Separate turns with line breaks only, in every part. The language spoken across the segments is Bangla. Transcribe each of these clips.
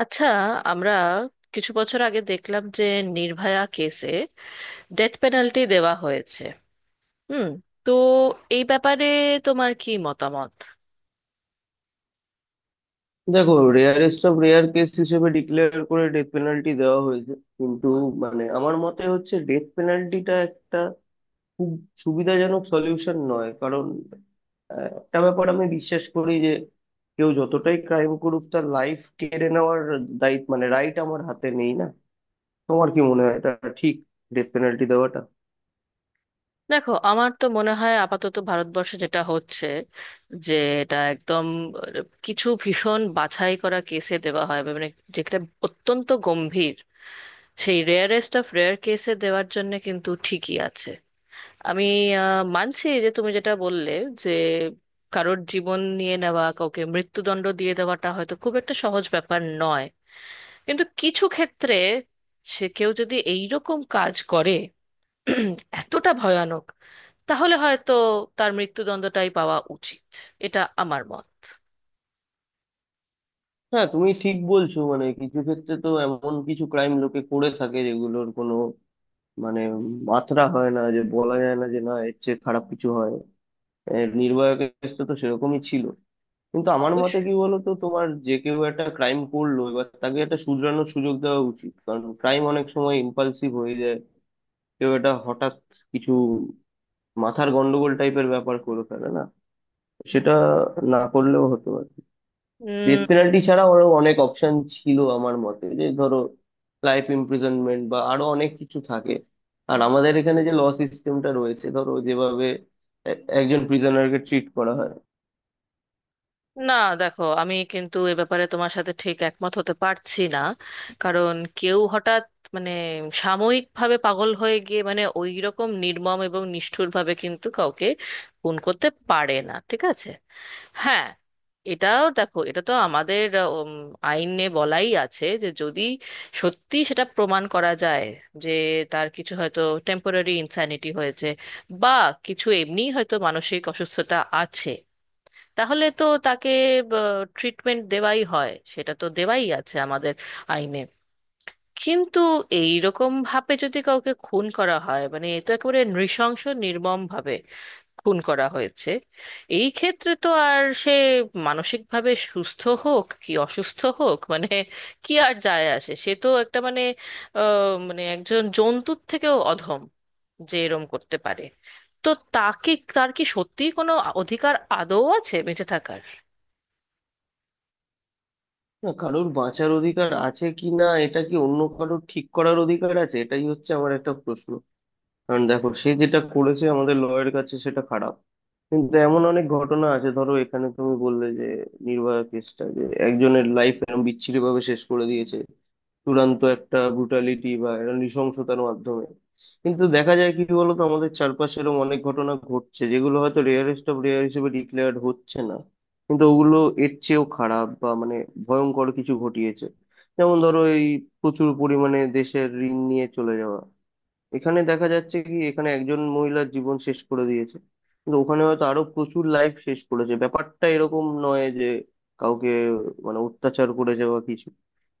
আচ্ছা, আমরা কিছু বছর আগে দেখলাম যে নির্ভয়া কেসে ডেথ পেনাল্টি দেওয়া হয়েছে। হুম। তো এই ব্যাপারে তোমার কি মতামত?
দেখো, রেয়ারেস্ট অফ রেয়ার কেস হিসেবে ডিক্লেয়ার করে ডেথ পেনাল্টি দেওয়া হয়েছে। কিন্তু মানে আমার মতে হচ্ছে ডেথ পেনাল্টিটা একটা খুব সুবিধাজনক সলিউশন নয়। কারণ একটা ব্যাপার আমি বিশ্বাস করি যে কেউ যতটাই ক্রাইম করুক, তার লাইফ কেড়ে নেওয়ার দায়িত্ব মানে রাইট আমার হাতে নেই না। তোমার কি মনে হয় এটা ঠিক ডেথ পেনাল্টি দেওয়াটা?
দেখো, আমার তো মনে হয় আপাতত ভারতবর্ষে যেটা হচ্ছে, যে এটা একদম কিছু ভীষণ বাছাই করা কেসে দেওয়া হয়, মানে যেটা অত্যন্ত গম্ভীর সেই রেয়ারেস্ট অফ রেয়ার কেসে দেওয়ার জন্য, কিন্তু ঠিকই আছে। আমি মানছি যে তুমি যেটা বললে, যে কারোর জীবন নিয়ে নেওয়া, কাউকে মৃত্যুদণ্ড দিয়ে দেওয়াটা হয়তো খুব একটা সহজ ব্যাপার নয়। কিন্তু কিছু ক্ষেত্রে, সে কেউ যদি এইরকম কাজ করে এতটা ভয়ানক, তাহলে হয়তো তার মৃত্যুদণ্ডটাই পাওয়া উচিত। এটা আমার মত।
হ্যাঁ, তুমি ঠিক বলছো। মানে কিছু ক্ষেত্রে তো এমন কিছু ক্রাইম লোকে করে থাকে যেগুলোর কোনো মানে মাত্রা হয় না, যে বলা যায় না যে না এর চেয়ে খারাপ কিছু হয়। এর নির্ভয়া কেসটা তো সেরকমই ছিল। কিন্তু আমার মতে কি বলতো তোমার, যে কেউ একটা ক্রাইম করলো, এবার তাকে একটা শুধরানোর সুযোগ দেওয়া উচিত, কারণ ক্রাইম অনেক সময় ইম্পালসিভ হয়ে যায়। কেউ একটা হঠাৎ কিছু মাথার গন্ডগোল টাইপের ব্যাপার করে ফেলে না, সেটা না করলেও হতো। ডেথ
অবশ্যই।
পেনাল্টি ছাড়া আরো অনেক অপশন ছিল আমার মতে। যে ধরো লাইফ ইমপ্রিজনমেন্ট বা আরো অনেক কিছু থাকে। আর আমাদের এখানে যে ল সিস্টেমটা রয়েছে, ধরো যেভাবে একজন প্রিজনারকে ট্রিট করা হয়।
না, দেখো আমি কিন্তু এ ব্যাপারে তোমার সাথে ঠিক একমত হতে পারছি না। কারণ কেউ হঠাৎ, মানে সাময়িকভাবে পাগল হয়ে গিয়ে, মানে ওই রকম নির্মম এবং নিষ্ঠুরভাবে কিন্তু কাউকে খুন করতে পারে না, ঠিক আছে? হ্যাঁ, এটাও দেখো, এটা তো আমাদের উম, আইনে বলাই আছে যে যদি সত্যি সেটা প্রমাণ করা যায়, যে তার কিছু হয়তো টেম্পোরারি ইনস্যানিটি হয়েছে, বা কিছু এমনি হয়তো মানসিক অসুস্থতা আছে, তাহলে তো তাকে ট্রিটমেন্ট দেওয়াই হয়, সেটা তো দেওয়াই আছে আমাদের আইনে। কিন্তু এই রকম ভাবে যদি কাউকে খুন করা হয়, মানে এ তো একেবারে নৃশংস নির্মম ভাবে খুন করা হয়েছে, এই ক্ষেত্রে তো আর সে মানসিকভাবে সুস্থ হোক কি অসুস্থ হোক, মানে কি আর যায় আসে? সে তো একটা, মানে মানে একজন জন্তুর থেকেও অধম যে এরম করতে পারে। তো তাকে, তার কি সত্যিই কোনো অধিকার আদৌ আছে বেঁচে থাকার?
না, কারোর বাঁচার অধিকার আছে কি না এটা কি অন্য কারোর ঠিক করার অধিকার আছে? এটাই হচ্ছে আমার একটা প্রশ্ন। কারণ দেখো, সে যেটা করেছে আমাদের লয়ের কাছে সেটা খারাপ। কিন্তু এমন অনেক ঘটনা আছে, ধরো এখানে তুমি বললে যে নির্ভয়া কেসটা, যে একজনের লাইফ এরকম বিচ্ছিরি ভাবে শেষ করে দিয়েছে চূড়ান্ত একটা ব্রুটালিটি বা একটা নৃশংসতার মাধ্যমে। কিন্তু দেখা যায় কি বলতো, আমাদের চারপাশে এরকম অনেক ঘটনা ঘটছে যেগুলো হয়তো রেয়ারেস্ট অফ রেয়ার হিসেবে ডিক্লেয়ার্ড হচ্ছে না, কিন্তু ওগুলো এর চেয়েও খারাপ বা মানে ভয়ঙ্কর কিছু ঘটিয়েছে। যেমন ধরো এই প্রচুর পরিমাণে দেশের ঋণ নিয়ে চলে যাওয়া। এখানে দেখা যাচ্ছে কি এখানে একজন মহিলার জীবন শেষ করে দিয়েছে, কিন্তু ওখানে হয়তো আরো প্রচুর লাইফ শেষ করেছে। ব্যাপারটা এরকম নয় যে কাউকে মানে অত্যাচার করেছে বা কিছু,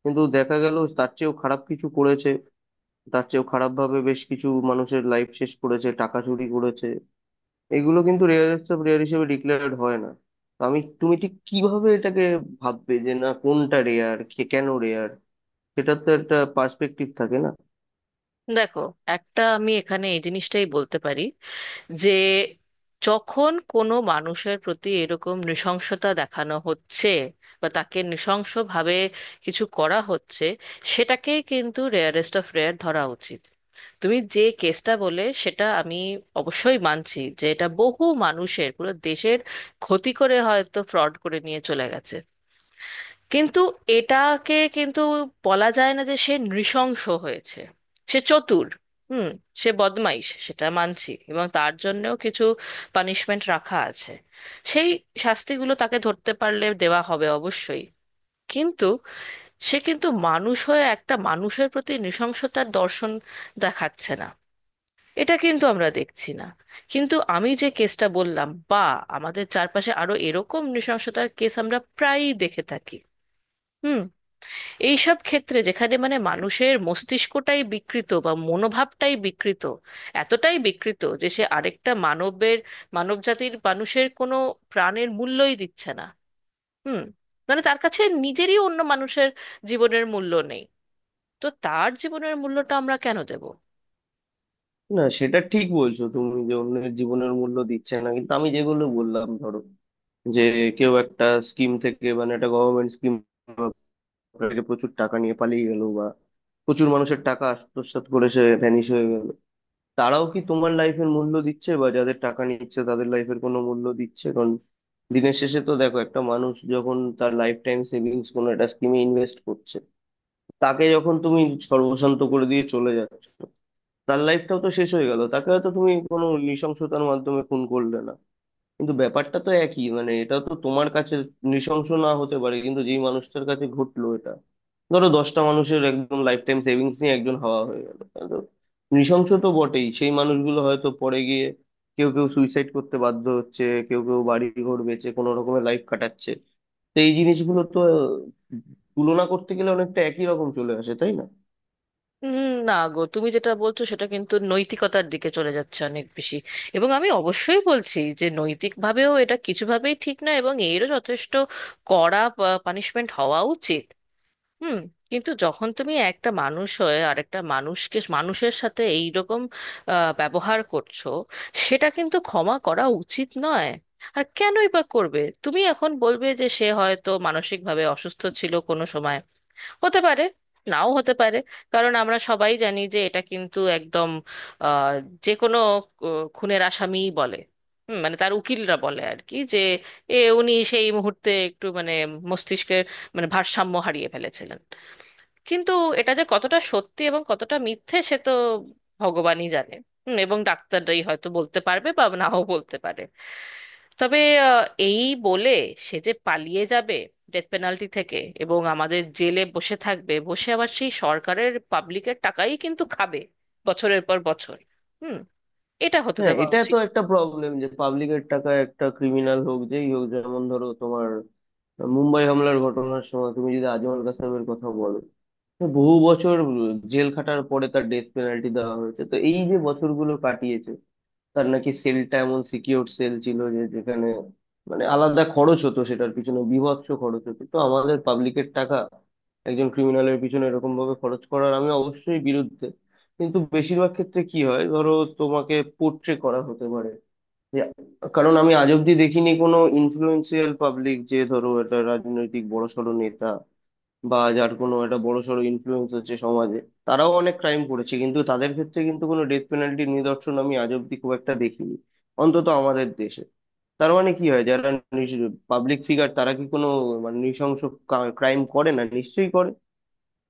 কিন্তু দেখা গেল তার চেয়েও খারাপ কিছু করেছে। তার চেয়েও খারাপ ভাবে বেশ কিছু মানুষের লাইফ শেষ করেছে, টাকা চুরি করেছে। এগুলো কিন্তু রেয়ারেস্ট অফ রেয়ার হিসেবে ডিক্লেয়ার্ড হয় না। তো আমি তুমি ঠিক কিভাবে এটাকে ভাববে যে না কোনটা রেয়ার, কে কেন রেয়ার? সেটার তো একটা পার্সপেক্টিভ থাকে না।
দেখো, একটা আমি এখানে এই জিনিসটাই বলতে পারি, যে যখন কোনো মানুষের প্রতি এরকম নৃশংসতা দেখানো হচ্ছে বা তাকে নৃশংসভাবে কিছু করা হচ্ছে, সেটাকেই কিন্তু রেয়ারেস্ট অফ রেয়ার ধরা উচিত। তুমি যে কেসটা বলে সেটা আমি অবশ্যই মানছি, যে এটা বহু মানুষের, পুরো দেশের ক্ষতি করে হয়তো ফ্রড করে নিয়ে চলে গেছে। কিন্তু এটাকে কিন্তু বলা যায় না যে সে নৃশংস হয়েছে। সে চতুর। হুম। সে বদমাইশ, সেটা মানছি, এবং তার জন্যও কিছু পানিশমেন্ট রাখা আছে। সেই শাস্তিগুলো তাকে ধরতে পারলে দেওয়া হবে অবশ্যই। কিন্তু সে কিন্তু মানুষ হয়ে একটা মানুষের প্রতি নৃশংসতার দর্শন দেখাচ্ছে না, এটা কিন্তু আমরা দেখছি না। কিন্তু আমি যে কেসটা বললাম, বা আমাদের চারপাশে আরো এরকম নৃশংসতার কেস আমরা প্রায়ই দেখে থাকি। হুম। এইসব ক্ষেত্রে যেখানে, মানে মানুষের মস্তিষ্কটাই বিকৃত বা মনোভাবটাই বিকৃত, এতটাই বিকৃত যে সে আরেকটা মানবের, মানবজাতির মানুষের কোনো প্রাণের মূল্যই দিচ্ছে না। হুম। মানে তার কাছে নিজেরই, অন্য মানুষের জীবনের মূল্য নেই। তো তার জীবনের মূল্যটা আমরা কেন দেব?
না, সেটা ঠিক বলছো তুমি যে অন্যের জীবনের মূল্য দিচ্ছে না। কিন্তু আমি যেগুলো বললাম, ধরো যে কেউ একটা স্কিম থেকে মানে একটা গভর্নমেন্ট স্কিম থেকে প্রচুর টাকা নিয়ে পালিয়ে গেল, বা প্রচুর মানুষের টাকা আত্মসাৎ করে সে ভ্যানিশ হয়ে গেল, তারাও কি তোমার লাইফের মূল্য দিচ্ছে, বা যাদের টাকা নিচ্ছে তাদের লাইফের কোনো মূল্য দিচ্ছে? কারণ দিনের শেষে তো দেখো, একটা মানুষ যখন তার লাইফ টাইম সেভিংস কোনো একটা স্কিমে ইনভেস্ট করছে, তাকে যখন তুমি সর্বশান্ত করে দিয়ে চলে যাচ্ছ, তার লাইফটাও তো শেষ হয়ে গেল। তাকে হয়তো তুমি কোনো নৃশংসতার মাধ্যমে খুন করলে না, কিন্তু ব্যাপারটা তো একই। মানে এটা তো তোমার কাছে নৃশংস না হতে পারে, কিন্তু যেই মানুষটার কাছে ঘটলো এটা, ধরো দশটা মানুষের একদম লাইফ টাইম সেভিংস নিয়ে একজন হাওয়া হয়ে গেল, তাহলে তো নৃশংস তো বটেই। সেই মানুষগুলো হয়তো পরে গিয়ে কেউ কেউ সুইসাইড করতে বাধ্য হচ্ছে, কেউ কেউ বাড়ি ঘর বেচে কোনো রকমের লাইফ কাটাচ্ছে। তো এই জিনিসগুলো তো তুলনা করতে গেলে অনেকটা একই রকম চলে আসে, তাই না?
না গো, তুমি যেটা বলছো সেটা কিন্তু নৈতিকতার দিকে চলে যাচ্ছে অনেক বেশি। এবং আমি অবশ্যই বলছি যে নৈতিকভাবেও এটা কিছুভাবেই ঠিক না, এবং এরও যথেষ্ট কড়া পানিশমেন্ট হওয়া উচিত। হুম। কিন্তু যখন তুমি একটা মানুষ হয়ে আরেকটা মানুষকে, মানুষের সাথে এইরকম ব্যবহার করছো, সেটা কিন্তু ক্ষমা করা উচিত নয়। আর কেনই বা করবে? তুমি এখন বলবে যে সে হয়তো মানসিকভাবে অসুস্থ ছিল কোনো সময়। হতে পারে, নাও হতে পারে। কারণ আমরা সবাই জানি যে এটা কিন্তু একদম আহ, যে কোনো আহ, খুনের আসামিই বলে। হুম, মানে তার উকিলরা বলে আর কি, যে এ উনি সেই মুহূর্তে একটু, মানে মস্তিষ্কের, মানে ভারসাম্য হারিয়ে ফেলেছিলেন। কিন্তু এটা যে কতটা সত্যি এবং কতটা মিথ্যে সে তো ভগবানই জানে। হুম, এবং ডাক্তাররাই হয়তো বলতে পারবে বা নাও বলতে পারে। তবে আহ, এই বলে সে যে পালিয়ে যাবে ডেথ পেনাল্টি থেকে, এবং আমাদের জেলে বসে থাকবে, বসে আবার সেই সরকারের, পাবলিকের টাকাই কিন্তু খাবে বছরের পর বছর। হুম। এটা হতে
হ্যাঁ,
দেওয়া
এটা তো
উচিত?
একটা প্রবলেম যে পাবলিকের টাকা একটা ক্রিমিনাল হোক যেই হোক, যেমন ধরো তোমার মুম্বাই হামলার ঘটনার সময় তুমি যদি আজমল কাসাবের কথা বলো, তো বহু বছর জেল খাটার পরে তার ডেথ পেনাল্টি দেওয়া হয়েছে। তো এই যে বছরগুলো কাটিয়েছে, তার নাকি সেলটা এমন সিকিউর সেল ছিল যে যেখানে মানে আলাদা খরচ হতো, সেটার পিছনে বীভৎস খরচ হতো। তো আমাদের পাবলিকের টাকা একজন ক্রিমিনালের পিছনে এরকম ভাবে খরচ করার আমি অবশ্যই বিরুদ্ধে। কিন্তু বেশিরভাগ ক্ষেত্রে কি হয়, ধরো তোমাকে পোট্রে করা হতে পারে যে কারণ আমি আজ অব্দি দেখিনি কোনো ইনফ্লুয়েন্সিয়াল পাবলিক, যে ধরো একটা রাজনৈতিক বড়সড় নেতা, বা যার কোনো একটা বড়সড় ইনফ্লুয়েন্স হচ্ছে সমাজে, তারাও অনেক ক্রাইম করেছে, কিন্তু তাদের ক্ষেত্রে কিন্তু কোনো ডেথ পেনাল্টির নিদর্শন আমি আজ অব্দি খুব একটা দেখিনি, অন্তত আমাদের দেশে। তার মানে কি হয়, যারা পাবলিক ফিগার তারা কি কোনো মানে নৃশংস ক্রাইম করে না? নিশ্চয়ই করে।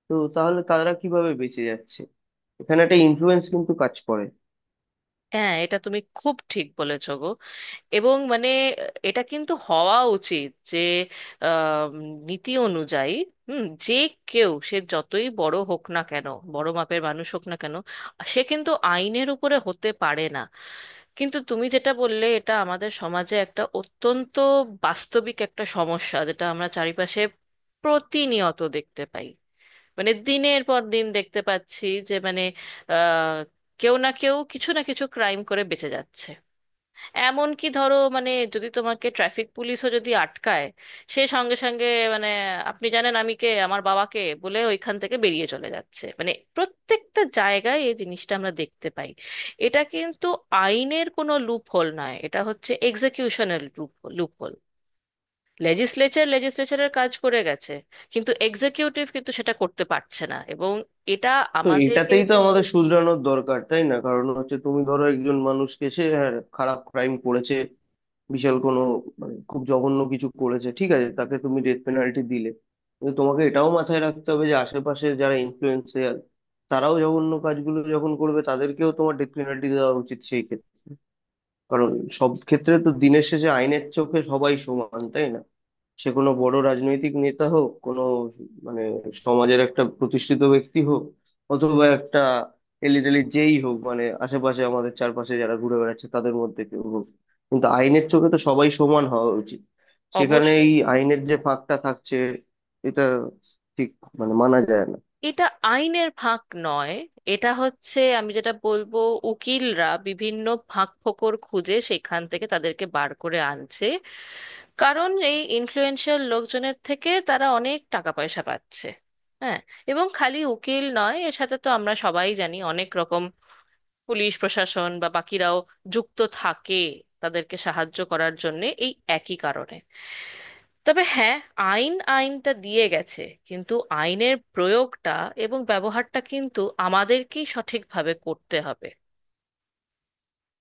তো তাহলে তারা কিভাবে বেঁচে যাচ্ছে? এখানে একটা ইনফ্লুয়েন্স কিন্তু কাজ করে।
হ্যাঁ, এটা তুমি খুব ঠিক বলেছো গো। এবং মানে, এটা কিন্তু হওয়া উচিত যে আম, নীতি অনুযায়ী, হুম, যে কেউ, সে যতই বড় হোক না কেন, বড় মাপের মানুষ হোক না কেন, সে কিন্তু আইনের উপরে হতে পারে না। কিন্তু তুমি যেটা বললে এটা আমাদের সমাজে একটা অত্যন্ত বাস্তবিক একটা সমস্যা, যেটা আমরা চারিপাশে প্রতিনিয়ত দেখতে পাই। মানে দিনের পর দিন দেখতে পাচ্ছি যে, মানে আহ, কেউ না কেউ কিছু না কিছু ক্রাইম করে বেঁচে যাচ্ছে। এমন কি ধরো, মানে যদি তোমাকে ট্রাফিক পুলিশও যদি আটকায়, সে সঙ্গে সঙ্গে, মানে আপনি জানেন আমি কে, আমার বাবাকে বলে ওইখান থেকে বেরিয়ে চলে যাচ্ছে। মানে প্রত্যেকটা জায়গায় এই জিনিসটা আমরা দেখতে পাই। এটা কিন্তু আইনের কোনো লুপ হোল নয়, এটা হচ্ছে এক্সিকিউশনাল লুপ লুপ হোল। লেজিসলেচারের কাজ করে গেছে, কিন্তু এক্সিকিউটিভ কিন্তু সেটা করতে পারছে না, এবং এটা
তো
আমাদেরকে
এটাতেই তো
কিন্তু
আমাদের শুধরানোর দরকার, তাই না? কারণ হচ্ছে তুমি ধরো একজন মানুষকে, সে হ্যাঁ, খারাপ ক্রাইম করেছে, বিশাল কোনো মানে খুব জঘন্য কিছু করেছে, ঠিক আছে, তাকে তুমি ডেথ পেনাল্টি দিলে, কিন্তু তোমাকে এটাও মাথায় রাখতে হবে যে আশেপাশে যারা ইনফ্লুয়েন্সার, তারাও জঘন্য কাজগুলো যখন করবে, তাদেরকেও তোমার ডেথ পেনাল্টি দেওয়া উচিত সেই ক্ষেত্রে। কারণ সব ক্ষেত্রে তো দিনের শেষে আইনের চোখে সবাই সমান, তাই না? সে কোনো বড় রাজনৈতিক নেতা হোক, কোনো মানে সমাজের একটা প্রতিষ্ঠিত ব্যক্তি হোক, অথবা একটা এলিটেলি যেই হোক, মানে আশেপাশে আমাদের চারপাশে যারা ঘুরে বেড়াচ্ছে তাদের মধ্যে কেউ হোক, কিন্তু আইনের চোখে তো সবাই সমান হওয়া উচিত। সেখানে
অবশ্যই।
এই আইনের যে ফাঁকটা থাকছে এটা ঠিক মানে মানা যায় না।
এটা আইনের ফাঁক নয়, এটা হচ্ছে, আমি যেটা বলবো, উকিলরা বিভিন্ন ফাঁক ফোকর খুঁজে সেখান থেকে তাদেরকে বার করে আনছে, কারণ এই ইনফ্লুয়েন্সিয়াল লোকজনের থেকে তারা অনেক টাকা পয়সা পাচ্ছে। হ্যাঁ, এবং খালি উকিল নয়, এর সাথে তো আমরা সবাই জানি অনেক রকম পুলিশ প্রশাসন বা বাকিরাও যুক্ত থাকে তাদেরকে সাহায্য করার জন্য, এই একই কারণে। তবে হ্যাঁ, আইনটা দিয়ে গেছে, কিন্তু আইনের প্রয়োগটা এবং ব্যবহারটা কিন্তু আমাদেরকেই সঠিকভাবে করতে হবে।